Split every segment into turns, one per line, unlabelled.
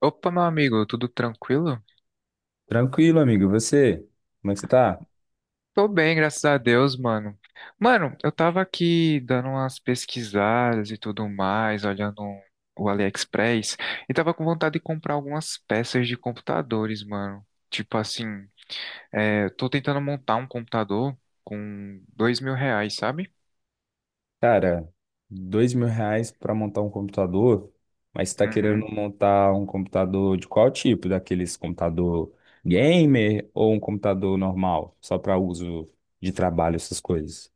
Opa, meu amigo, tudo tranquilo?
Tranquilo, amigo. E você? Como é que você tá?
Tô bem, graças a Deus, mano. Mano, eu tava aqui dando umas pesquisadas e tudo mais, olhando o AliExpress, e tava com vontade de comprar algumas peças de computadores, mano. Tipo assim, tô tentando montar um computador com R$ 2.000, sabe?
Cara, R$ 2.000 pra montar um computador, mas você tá querendo
Uhum.
montar um computador de qual tipo? Daqueles computador gamer ou um computador normal, só pra uso de trabalho, essas coisas?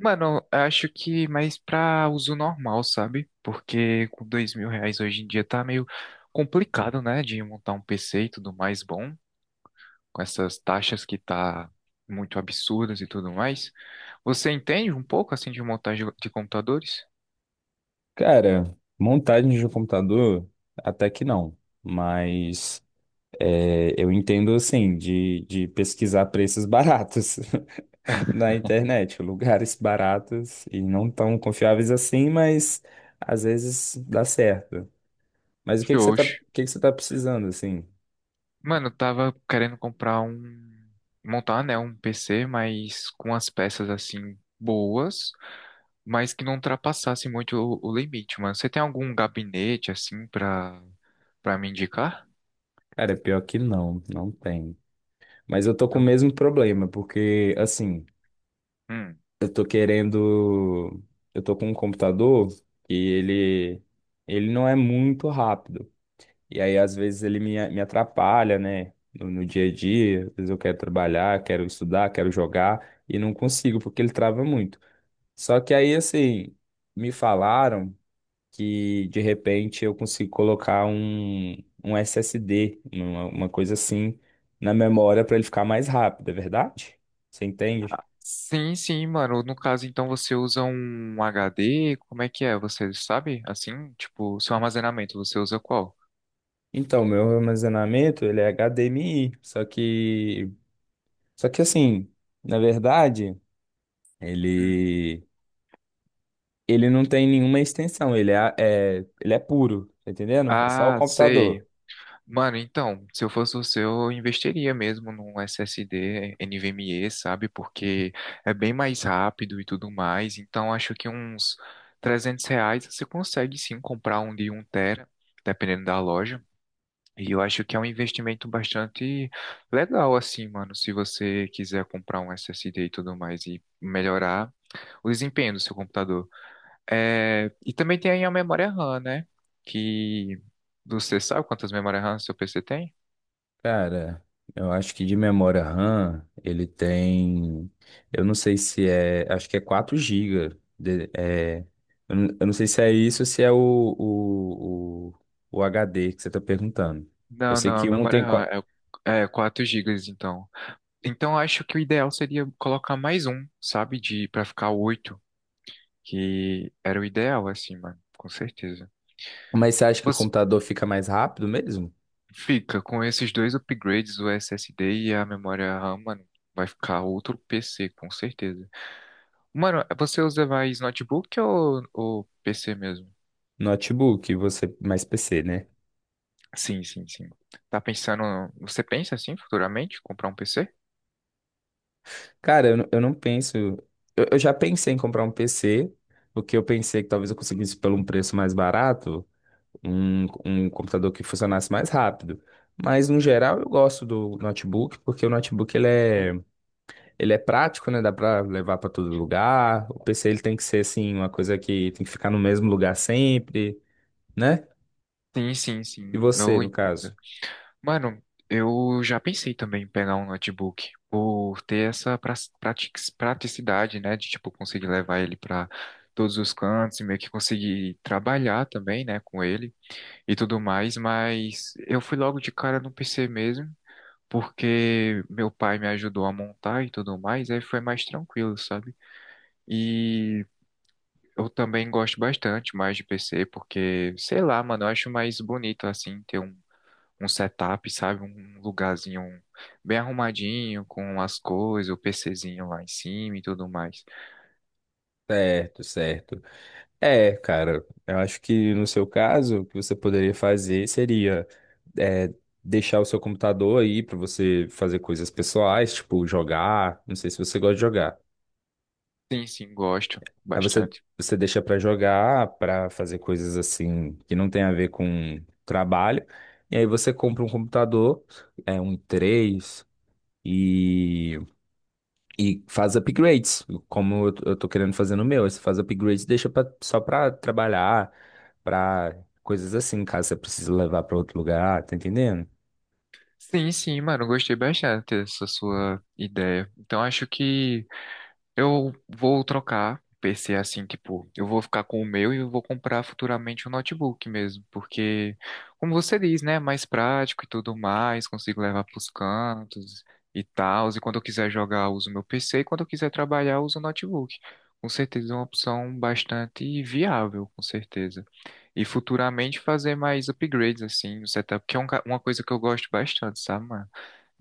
Mano, eu acho que mais pra uso normal, sabe? Porque com R$ 2.000 hoje em dia tá meio complicado, né? De montar um PC e tudo mais bom. Com essas taxas que tá muito absurdas e tudo mais. Você entende um pouco assim de montagem de computadores?
Cara, montagem de um computador, até que não, mas eu entendo assim de pesquisar preços baratos na internet, lugares baratos e não tão confiáveis assim, mas às vezes dá certo. Mas o
Oxe.
que que você tá precisando assim?
Mano, eu tava querendo comprar um montar, né, um PC, mas com as peças assim boas, mas que não ultrapassasse muito o limite, mano. Você tem algum gabinete assim pra para me indicar?
Cara, pior que não, não tem. Mas eu tô com o
Não.
mesmo problema, porque assim, eu tô querendo, eu tô com um computador e ele não é muito rápido. E aí às vezes me atrapalha, né? No dia a dia, às vezes eu quero trabalhar, quero estudar, quero jogar e não consigo porque ele trava muito. Só que aí, assim, me falaram que de repente eu consigo colocar um SSD, uma coisa assim, na memória para ele ficar mais rápido, é verdade? Você entende?
Sim, sim, mano. No caso, então, você usa um HD? Como é que é? Você sabe? Assim, tipo, seu armazenamento, você usa qual?
Então, meu armazenamento, ele é HDMI, só que assim, na verdade,
Hum.
ele, ele não tem nenhuma extensão, ele é puro, tá entendendo? É só o
Ah, sei.
computador.
Mano, então, se eu fosse você, eu investiria mesmo num SSD NVMe, sabe? Porque é bem mais rápido e tudo mais. Então, acho que uns R$ 300 você consegue sim comprar um de um tera, dependendo da loja. E eu acho que é um investimento bastante legal, assim, mano, se você quiser comprar um SSD e tudo mais e melhorar o desempenho do seu computador. E também tem aí a memória RAM, né? Que você sabe quantas memórias RAM seu PC tem?
Cara, eu acho que de memória RAM ele tem. Eu não sei se é. Acho que é 4 GB eu não sei se é isso ou se é o, o, o HD que você está perguntando. Eu
Não,
sei
não, a
que um
memória
tem.
RAM é 4 GB, então. Então, eu acho que o ideal seria colocar mais um, sabe, de para ficar 8 que era o ideal, assim, mano, com certeza.
Mas você acha que o
Você-
computador fica mais rápido mesmo?
Fica com esses dois upgrades, o SSD e a memória RAM, mano. Vai ficar outro PC, com certeza. Mano, você usa mais notebook ou PC mesmo?
Notebook, você mais PC, né?
Sim, sim, sim. Tá pensando. Você pensa assim futuramente comprar um PC?
Cara, eu não penso. Eu já pensei em comprar um PC, porque eu pensei que talvez eu conseguisse pelo um preço mais barato. Um computador que funcionasse mais rápido. Mas, no geral, eu gosto do notebook, porque o notebook ele é prático, né? Dá pra levar pra todo lugar. O PC ele tem que ser, assim, uma coisa que tem que ficar no mesmo lugar sempre, né?
Sim, sim,
E
sim.
você,
Eu
no
entendo.
caso?
Mano, eu já pensei também em pegar um notebook por ter essa prati- praticidade, né, de tipo conseguir levar ele para todos os cantos e meio que conseguir trabalhar também, né, com ele e tudo mais, mas eu fui logo de cara no PC mesmo, porque meu pai me ajudou a montar e tudo mais, aí foi mais tranquilo, sabe? E eu também gosto bastante mais de PC, porque, sei lá, mano, eu acho mais bonito assim ter um setup, sabe? Um lugarzinho bem arrumadinho, com as coisas, o PCzinho lá em cima e tudo mais.
Certo, certo. É, cara, eu acho que no seu caso, o que você poderia fazer seria é, deixar o seu computador aí pra você fazer coisas pessoais, tipo jogar. Não sei se você gosta de jogar.
Sim, sim, gosto
Aí
bastante.
você deixa pra jogar, pra fazer coisas assim que não tem a ver com trabalho. E aí você compra um computador, é um i3 e, e faz upgrades, como eu tô querendo fazer no meu. Aí você faz upgrades, e deixa pra, só pra trabalhar, pra coisas assim, caso você precise levar pra outro lugar, tá entendendo?
Sim, sim, mano, gostei bastante dessa sua ideia. Então acho que eu vou trocar PC assim, tipo, eu vou ficar com o meu e eu vou comprar futuramente um notebook mesmo, porque, como você diz, né, é mais prático e tudo mais, consigo levar pros cantos e tal, e quando eu quiser jogar, eu uso meu PC e quando eu quiser trabalhar, eu uso o notebook. Com certeza é uma opção bastante viável, com certeza. E futuramente fazer mais upgrades assim no setup, que é uma coisa que eu gosto bastante, sabe, mano?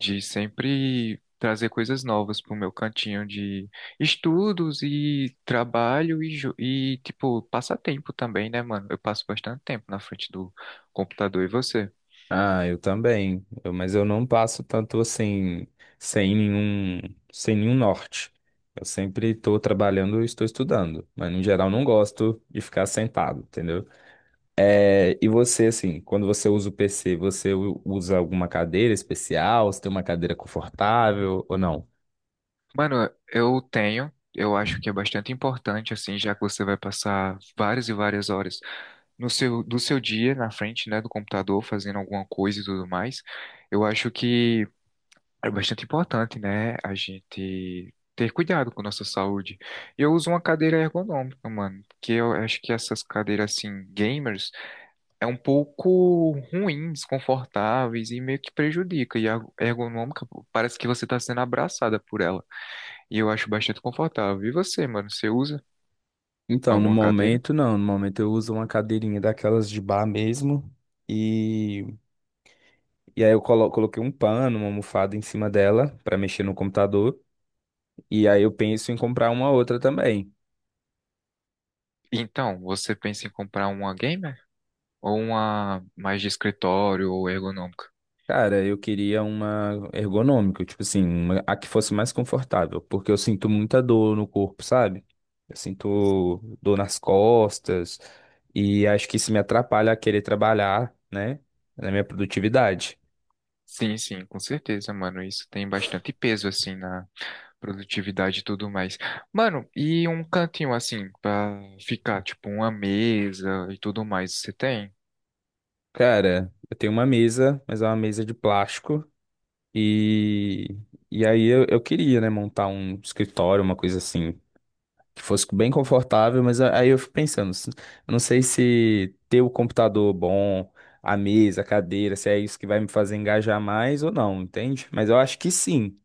De sempre trazer coisas novas pro meu cantinho de estudos e trabalho e, e tipo, passatempo também, né, mano? Eu passo bastante tempo na frente do computador e você?
Ah, eu também. Mas eu não passo tanto assim, sem nenhum, sem nenhum norte. Eu sempre estou trabalhando e estou estudando, mas no geral não gosto de ficar sentado, entendeu? É, e você, assim, quando você usa o PC, usa alguma cadeira especial? Você tem uma cadeira confortável ou não?
Mano, eu tenho. Eu acho que é bastante importante, assim, já que você vai passar várias e várias horas no seu, do seu dia na frente, né, do computador, fazendo alguma coisa e tudo mais. Eu acho que é bastante importante, né? A gente ter cuidado com nossa saúde. Eu uso uma cadeira ergonômica, mano, porque eu acho que essas cadeiras assim gamers é um pouco ruim, desconfortáveis e meio que prejudica. E a ergonômica pô, parece que você tá sendo abraçada por ela. E eu acho bastante confortável. E você, mano, você usa
Então, no
alguma cadeira?
momento, não. No momento eu uso uma cadeirinha daquelas de bar mesmo. E coloquei um pano, uma almofada em cima dela para mexer no computador. E aí eu penso em comprar uma outra também.
Então, você pensa em comprar uma gamer ou uma mais de escritório ou ergonômica?
Cara, eu queria uma ergonômica, tipo assim, a que fosse mais confortável, porque eu sinto muita dor no corpo, sabe? Eu sinto dor nas costas e acho que isso me atrapalha a querer trabalhar, né, na minha produtividade.
Sim, sim, com certeza, mano. Isso tem bastante peso assim na produtividade e tudo mais. Mano, e um cantinho assim pra ficar, tipo, uma mesa e tudo mais, você tem?
Cara, eu tenho uma mesa, mas é uma mesa de plástico e eu queria, né, montar um escritório, uma coisa assim, que fosse bem confortável, aí eu fico pensando, eu não sei se ter o computador bom, a mesa, a cadeira, se é isso que vai me fazer engajar mais ou não, entende? Mas eu acho que sim.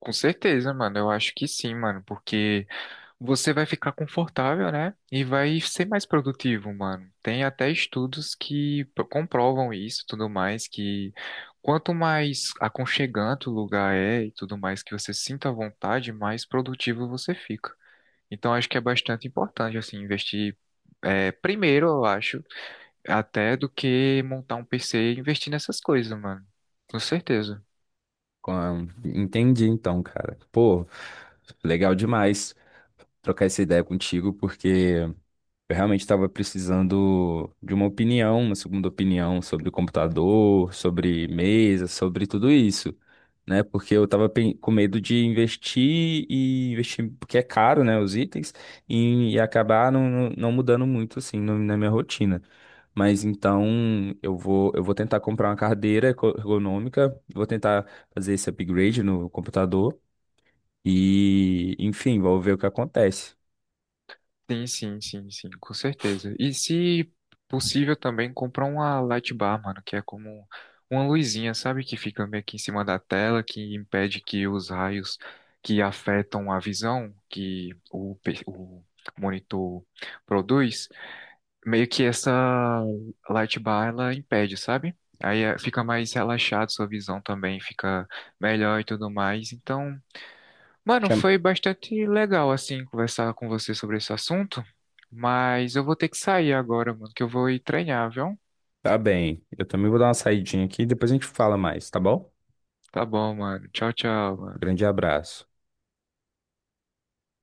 Com certeza, mano. Eu acho que sim, mano, porque você vai ficar confortável, né? E vai ser mais produtivo, mano. Tem até estudos comprovam isso, e tudo mais, que quanto mais aconchegante o lugar é e tudo mais que você sinta à vontade, mais produtivo você fica. Então acho que é bastante importante assim investir primeiro, eu acho, até do que montar um PC e investir nessas coisas, mano. Com certeza.
Entendi então, cara. Pô, legal demais trocar essa ideia contigo, porque eu realmente estava precisando de uma opinião, uma segunda opinião sobre o computador, sobre mesa, sobre tudo isso, né? Porque eu estava com medo de investir e investir, porque é caro, né, os itens, e acabar não mudando muito, assim, na minha rotina. Mas então eu vou tentar comprar uma cadeira ergonômica, vou tentar fazer esse upgrade no computador e, enfim, vou ver o que acontece.
Sim, sim, sim, sim, com certeza. E se possível também comprar uma light bar, mano, que é como uma luzinha, sabe, que fica meio que em cima da tela, que impede que os raios que afetam a visão que o monitor produz, meio que essa light bar ela impede, sabe? Aí fica mais relaxado sua visão também, fica melhor e tudo mais. Então mano, foi bastante legal, assim, conversar com você sobre esse assunto, mas eu vou ter que sair agora, mano, que eu vou ir treinar, viu?
Tá bem. Eu também vou dar uma saidinha aqui e depois a gente fala mais, tá bom?
Tá bom, mano. Tchau, tchau, mano.
Grande abraço.